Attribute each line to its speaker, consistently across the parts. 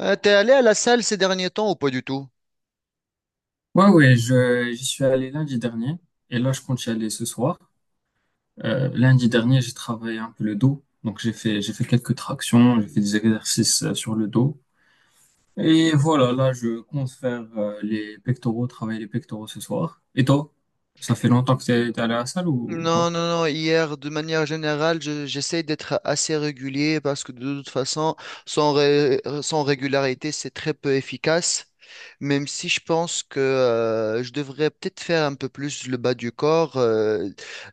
Speaker 1: T'es allé à la salle ces derniers temps ou pas du tout?
Speaker 2: J'y suis allé lundi dernier et là, je compte y aller ce soir. Lundi dernier, j'ai travaillé un peu le dos. Donc, j'ai fait quelques tractions, j'ai fait des exercices sur le dos. Et voilà, là, je compte faire les pectoraux, travailler les pectoraux ce soir. Et toi, ça fait longtemps que t'es allé à la salle ou pas?
Speaker 1: Non, non, non. Hier, de manière générale, j'essaie d'être assez régulier parce que de toute façon, sans régularité, c'est très peu efficace. Même si je pense que je devrais peut-être faire un peu plus le bas du corps.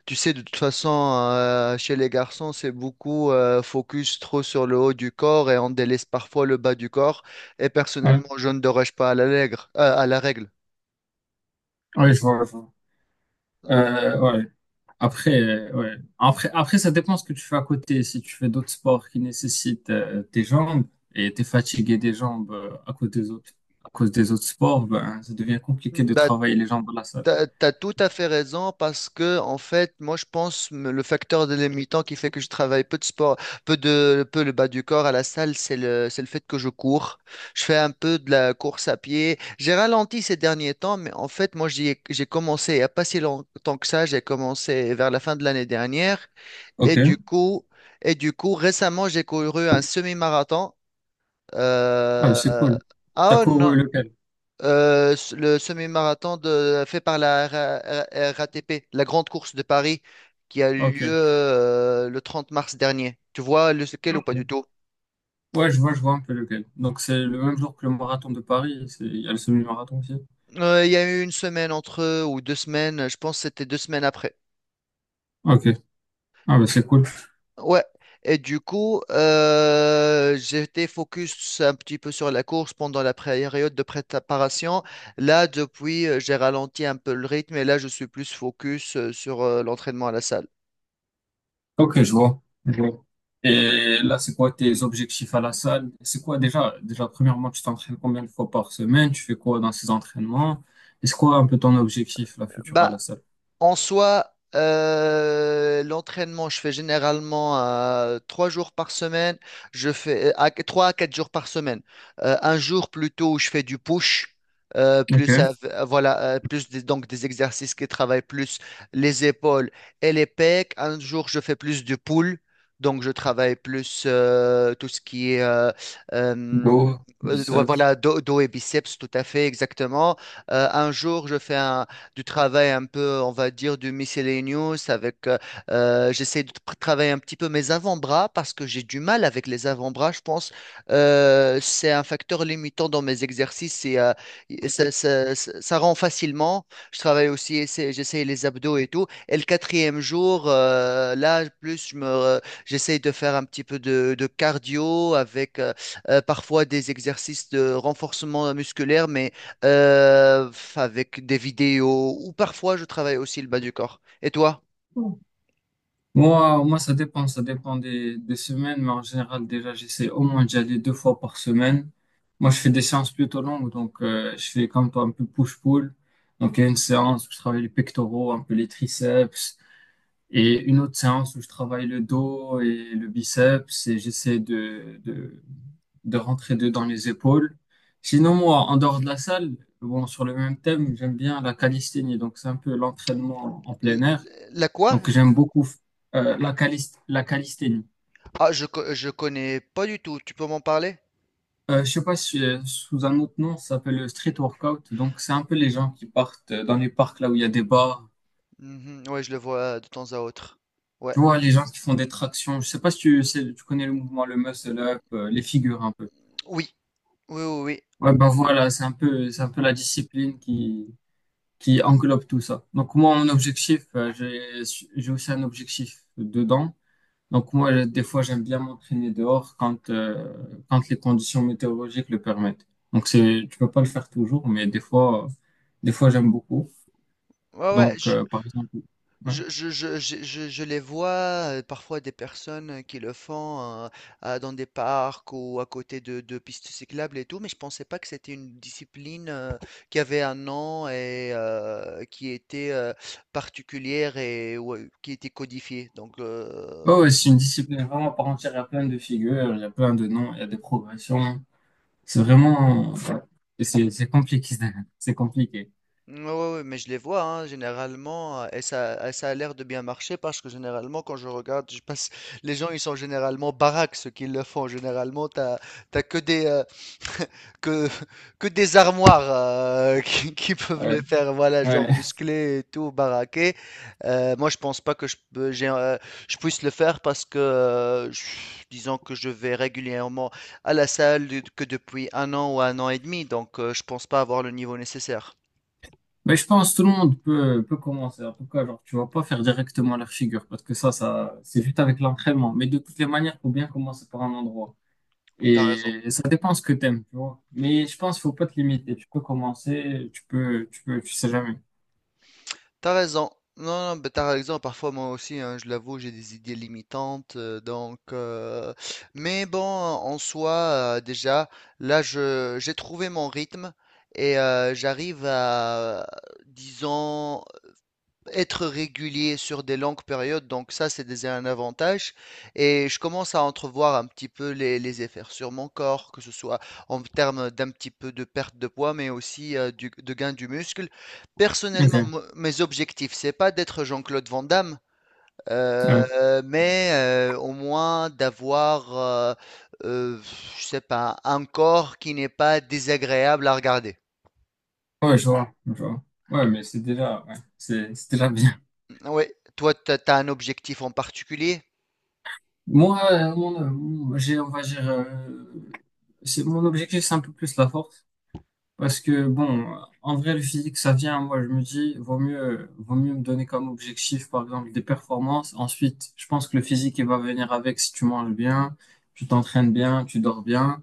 Speaker 1: Tu sais, de toute façon, chez les garçons, c'est beaucoup focus trop sur le haut du corps et on délaisse parfois le bas du corps. Et
Speaker 2: Ouais,
Speaker 1: personnellement, je ne déroge pas à la règle. À la règle.
Speaker 2: ouais, je vois. Ouais. Après, ouais. Après, ça dépend ce que tu fais à côté. Si tu fais d'autres sports qui nécessitent tes jambes et t'es fatigué des jambes à cause des autres, à cause des autres sports, ben, ça devient compliqué de
Speaker 1: Bah,
Speaker 2: travailler les jambes dans la salle.
Speaker 1: t'as tout à fait raison parce que, en fait, moi, je pense le facteur délimitant qui fait que je travaille peu de sport, peu le bas du corps à la salle, c'est c'est le fait que je cours. Je fais un peu de la course à pied. J'ai ralenti ces derniers temps, mais en fait, moi, j'ai commencé il n'y a pas si longtemps que ça. J'ai commencé vers la fin de l'année dernière. Et
Speaker 2: Ok.
Speaker 1: du coup, et du coup, récemment, j'ai couru un semi-marathon.
Speaker 2: Ah, mais
Speaker 1: Euh,
Speaker 2: c'est cool. T'as
Speaker 1: ah oh, non.
Speaker 2: couru lequel?
Speaker 1: Le semi-marathon fait par la RATP, la grande course de Paris, qui a eu
Speaker 2: Ok.
Speaker 1: lieu le 30 mars dernier. Tu vois lequel ou pas du
Speaker 2: Ok.
Speaker 1: tout?
Speaker 2: Ouais, je vois un peu lequel. Donc, c'est le même jour que le marathon de Paris. Il y a le semi-marathon aussi.
Speaker 1: Il y a eu une semaine entre eux, ou deux semaines, je pense que c'était deux semaines après.
Speaker 2: Ok. Ah, mais c'est cool.
Speaker 1: Ouais. Et du coup, j'étais focus un petit peu sur la course pendant la période de préparation. Là, depuis, j'ai ralenti un peu le rythme et là, je suis plus focus sur l'entraînement à la salle.
Speaker 2: Ok, Je vois. Et là, c'est quoi tes objectifs à la salle? C'est quoi déjà, premièrement, tu t'entraînes combien de fois par semaine? Tu fais quoi dans ces entraînements? Et c'est quoi un peu ton objectif, la future à la
Speaker 1: Bah,
Speaker 2: salle?
Speaker 1: en soi, l'entraînement, je fais généralement 3 jours par semaine. Je fais 3 à 4 jours par semaine. Un jour plutôt où je fais du push,
Speaker 2: Ok.
Speaker 1: voilà, donc des exercices qui travaillent plus les épaules et les pecs. Un jour, je fais plus du pull, donc je travaille plus tout ce qui est euh,
Speaker 2: Go, biceps.
Speaker 1: voilà, dos, dos et biceps, tout à fait exactement. Un jour, je fais un du travail un peu, on va dire, du miscellaneous avec, j'essaie de travailler un petit peu mes avant-bras parce que j'ai du mal avec les avant-bras, je pense. C'est un facteur limitant dans mes exercices et ça, ça rend facilement. Je travaille aussi, j'essaie les abdos et tout. Et le quatrième jour, là, plus je me, j'essaie de faire un petit peu de cardio avec parfois des exercices de renforcement musculaire, mais euh, avec des vidéos ou parfois je travaille aussi le bas du corps. Et toi,
Speaker 2: Mm. Moi, ça dépend, des semaines, mais en général, déjà, j'essaie au moins d'y aller deux fois par semaine. Moi, je fais des séances plutôt longues, donc je fais comme toi un peu push-pull. Donc, il y a une séance où je travaille les pectoraux, un peu les triceps, et une autre séance où je travaille le dos et le biceps et de rentrer dedans les épaules. Sinon, moi, en dehors de la salle, bon, sur le même thème, j'aime bien la calisthénie. Donc, c'est un peu l'entraînement en
Speaker 1: l-
Speaker 2: plein air.
Speaker 1: la quoi?
Speaker 2: Donc, j'aime beaucoup la calisthénie.
Speaker 1: Ah, je connais pas du tout. Tu peux m'en parler?
Speaker 2: Je sais pas si sous un autre nom, ça s'appelle le street workout. Donc, c'est un peu les gens qui partent dans les parcs là où il y a des bars.
Speaker 1: Mhm, ouais, je le vois de temps à autre. Ouais,
Speaker 2: Tu vois, les gens qui font des tractions. Je sais pas si tu connais le mouvement, le muscle up, les figures un peu.
Speaker 1: oui, oui, oui, oui.
Speaker 2: Ouais, bah voilà, c'est un peu la discipline qui englobe tout ça. Donc moi, mon objectif, j'ai aussi un objectif dedans. Donc moi, des fois, j'aime bien m'entraîner dehors quand les conditions météorologiques le permettent. Tu peux pas le faire toujours, mais des fois, j'aime beaucoup.
Speaker 1: Ouais, ouais,
Speaker 2: Donc,
Speaker 1: je,
Speaker 2: par exemple, ouais.
Speaker 1: Je les vois parfois des personnes qui le font dans des parcs ou à côté de pistes cyclables et tout, mais je pensais pas que c'était une discipline qui avait un nom et qui était particulière et ouais, qui était codifiée. Donc,
Speaker 2: Ouais, ouais, c'est une discipline vraiment à part entière. Il y a plein de figures, il y a plein de noms, il y a des progressions. C'est vraiment, ouais. Et c'est compliqué, c'est compliqué.
Speaker 1: ouais, ouais, ouais, mais je les vois hein, généralement et ça a l'air de bien marcher parce que généralement quand je regarde, je passe, les gens ils sont généralement baraques ceux qui le font. Généralement, t'as que des que que des armoires qui peuvent le
Speaker 2: Ouais.
Speaker 1: faire, voilà, genre
Speaker 2: Ouais.
Speaker 1: musclé et tout, baraqué. Moi, je pense pas que je puisse le faire parce que, disons que je vais régulièrement à la que depuis 1 an ou 1 an et demi, donc je pense pas avoir le niveau nécessaire.
Speaker 2: Mais je pense que tout le monde peut commencer. En tout cas, genre, tu vas pas faire directement leur figure parce que c'est juste avec l'entraînement. Mais de toutes les manières, faut bien commencer par un endroit.
Speaker 1: T'as raison.
Speaker 2: Et ça dépend ce que t'aimes, tu vois. Mais je pense qu'il faut pas te limiter. Tu peux commencer, tu peux, tu sais jamais.
Speaker 1: T'as raison. Non, non, ben, t'as raison. Parfois, moi aussi, hein, je l'avoue, j'ai des idées limitantes. Donc, mais bon, en soi, déjà, là, je, j'ai trouvé mon rythme et j'arrive à, disons, être régulier sur des longues périodes, donc ça c'est déjà un avantage. Et je commence à entrevoir un petit peu les effets sur mon corps, que ce soit en termes d'un petit peu de perte de poids, mais aussi de gain du muscle. Personnellement,
Speaker 2: Ok.
Speaker 1: mes objectifs, c'est pas d'être Jean-Claude Van Damme,
Speaker 2: Ouais.
Speaker 1: mais au moins d'avoir, euh, je sais pas, un corps qui n'est pas désagréable à regarder.
Speaker 2: Ouais, je vois. Ouais, mais c'est déjà bien.
Speaker 1: Oui, toi, tu as un objectif en particulier?
Speaker 2: Moi, euh, mon, euh, on va dire, mon objectif, c'est un peu plus la force. Parce que, bon, en vrai, le physique, ça vient. Moi, je me dis, vaut mieux me donner comme objectif, par exemple, des performances. Ensuite, je pense que le physique, il va venir avec si tu manges bien, tu t'entraînes bien, tu dors bien.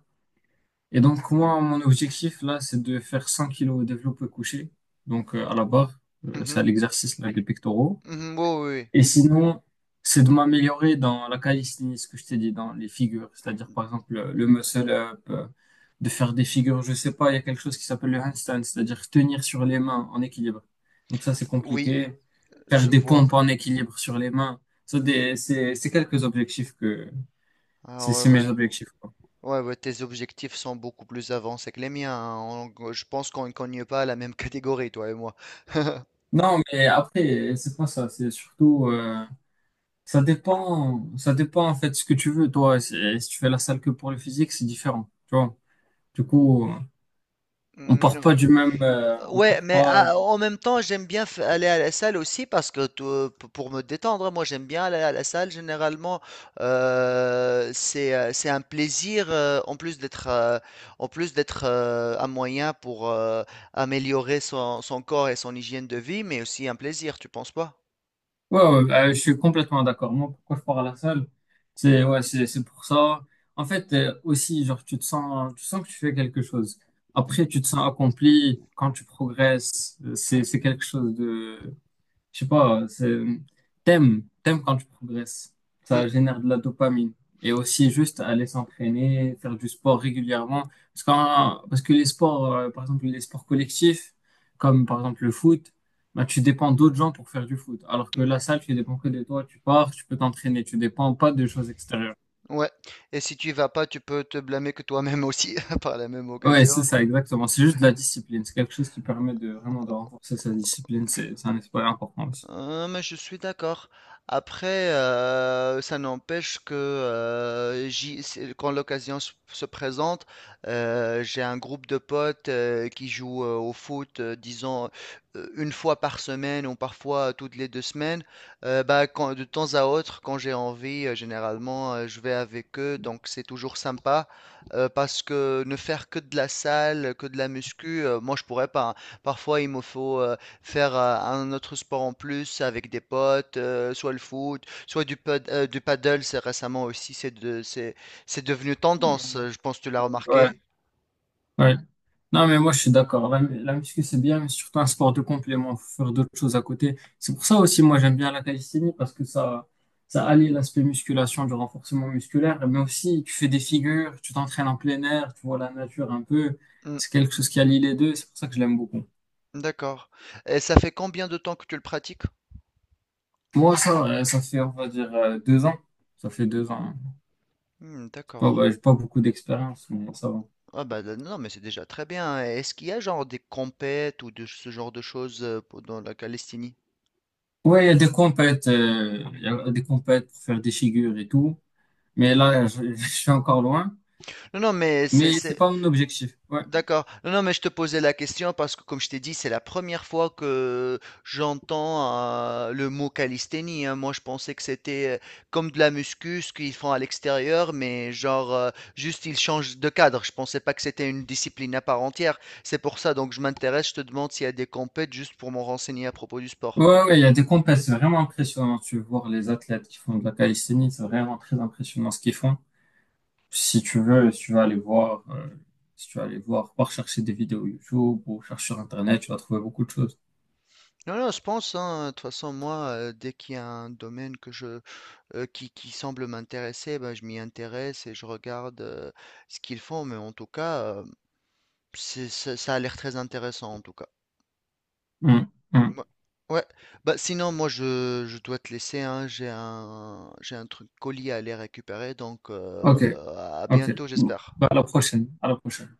Speaker 2: Et donc, moi, mon objectif, là, c'est de faire 100 kilos au développé couché. Donc, à la barre, c'est
Speaker 1: Mhm,
Speaker 2: à l'exercice, là, des pectoraux.
Speaker 1: mhm, ouais, ouais, ouais.
Speaker 2: Et sinon, c'est de m'améliorer dans la calisthénie, ce que je t'ai dit, dans les figures. C'est-à-dire, par exemple, le muscle-up, de faire des figures, je sais pas, il y a quelque chose qui s'appelle le handstand, c'est-à-dire tenir sur les mains en équilibre. Donc ça, c'est
Speaker 1: Oui, oui. Oui,
Speaker 2: compliqué. Faire
Speaker 1: je
Speaker 2: des
Speaker 1: vois.
Speaker 2: pompes en équilibre sur les mains. C'est quelques objectifs que...
Speaker 1: Ah ouais,
Speaker 2: C'est
Speaker 1: ouais,
Speaker 2: mes objectifs, quoi.
Speaker 1: ouais, ouais, tes objectifs sont beaucoup plus avancés que les miens, hein. Je pense qu'on ne cogne pas à la même catégorie, toi et moi.
Speaker 2: Non, mais après, c'est pas ça. C'est surtout... ça dépend en fait ce que tu veux, toi. Si tu fais la salle que pour le physique, c'est différent, tu vois. Du coup... On
Speaker 1: Mmh,
Speaker 2: part
Speaker 1: non.
Speaker 2: pas du même, on
Speaker 1: Ouais,
Speaker 2: part
Speaker 1: mais
Speaker 2: pas.
Speaker 1: ah, en même temps, j'aime bien aller à la salle aussi parce que pour me détendre, hein, moi j'aime bien aller à la salle. Généralement, c'est un plaisir en plus d'être un moyen pour améliorer son, son corps et son hygiène de vie, mais aussi un plaisir, tu penses pas?
Speaker 2: Ouais, ouais, je suis complètement d'accord. Moi, pourquoi je pars à la salle? C'est ouais, C'est pour ça. En fait, aussi, genre, tu sens que tu fais quelque chose. Après, tu te sens accompli quand tu progresses. C'est quelque chose de je sais pas, t'aimes quand tu progresses.
Speaker 1: Mm,
Speaker 2: Ça génère de la dopamine. Et aussi juste aller s'entraîner, faire du sport régulièrement. Parce que les sports, par exemple, les sports collectifs, comme par exemple le foot, bah, tu dépends d'autres gens pour faire du foot. Alors que la salle, tu dépends que de toi. Tu pars, tu peux t'entraîner. Tu dépends pas de choses extérieures.
Speaker 1: ouais. Et si tu y vas pas, tu peux te blâmer que toi-même aussi par la même
Speaker 2: Ouais, c'est
Speaker 1: occasion.
Speaker 2: ça, exactement. C'est juste de la discipline. C'est quelque chose qui permet de vraiment de renforcer sa discipline. C'est un aspect important aussi.
Speaker 1: Mais je suis d'accord. Après, ça n'empêche que quand l'occasion se présente, j'ai un groupe de potes qui jouent au foot, disons, une fois par semaine ou parfois toutes les deux semaines. De temps à autre, quand j'ai envie, généralement, je vais avec eux. Donc, c'est toujours sympa parce que ne faire que de la salle, que de la muscu, moi, je pourrais pas, hein. Parfois, il me faut... Faire, un autre sport en plus avec des potes, soit le foot, soit du paddle, c'est récemment aussi, c'est devenu tendance, je pense que tu l'as
Speaker 2: Ouais.
Speaker 1: remarqué.
Speaker 2: Ouais. Non, mais moi, je suis d'accord. La muscu, c'est bien, mais surtout un sport de complément. Faut faire d'autres choses à côté. C'est pour ça aussi, moi, j'aime bien la calisthénie parce que ça allie l'aspect musculation, du renforcement musculaire, mais aussi tu fais des figures, tu t'entraînes en plein air, tu vois la nature un peu.
Speaker 1: Hmm,
Speaker 2: C'est quelque chose qui allie les deux. C'est pour ça que je l'aime beaucoup.
Speaker 1: d'accord. Et ça fait combien de temps que tu le pratiques?
Speaker 2: Ça fait, on va dire, 2 ans. Ça fait 2 ans. Hein.
Speaker 1: Hmm,
Speaker 2: C'est pas,
Speaker 1: d'accord.
Speaker 2: ouais, j'ai pas beaucoup d'expérience, mais ça va.
Speaker 1: Ah bah non, mais c'est déjà très bien. Est-ce qu'il y a genre des compètes ou de ce genre de choses dans la Calestinie?
Speaker 2: Ouais, il y a des compètes, il y a des compètes pour faire des figures et tout. Mais là, je je suis encore loin.
Speaker 1: Non, non, mais
Speaker 2: Mais c'est pas mon objectif. Ouais.
Speaker 1: d'accord. Non, non, mais je te posais la question parce que, comme je t'ai dit, c'est la première fois que j'entends le mot calisthénie, hein. Moi, je pensais que c'était comme de la muscu, ce qu'ils font à l'extérieur, mais genre, juste ils changent de cadre. Je pensais pas que c'était une discipline à part entière. C'est pour ça, donc je m'intéresse, je te demande s'il y a des compètes juste pour m'en renseigner à propos du sport.
Speaker 2: Ouais, ouais, il y a des compètes, c'est vraiment impressionnant. Tu veux voir les athlètes qui font de la calisthénie, c'est vraiment très impressionnant ce qu'ils font. Si tu veux, si tu vas aller voir, si tu vas aller voir, par chercher des vidéos YouTube ou chercher sur Internet, tu vas trouver beaucoup de choses.
Speaker 1: Non, non, je pense, hein, de toute façon, moi, dès qu'il y a un domaine qui semble m'intéresser, ben, je m'y intéresse et je regarde ce qu'ils font, mais en tout cas, ça a l'air très intéressant, en tout cas.
Speaker 2: Hum, hum.
Speaker 1: Ouais, ouais. Bah, sinon, moi, je dois te laisser, hein, j'ai un truc colis à aller récupérer, donc
Speaker 2: Ok,
Speaker 1: à
Speaker 2: ok.
Speaker 1: bientôt, j'espère.
Speaker 2: Bah, à la prochaine, à la prochaine.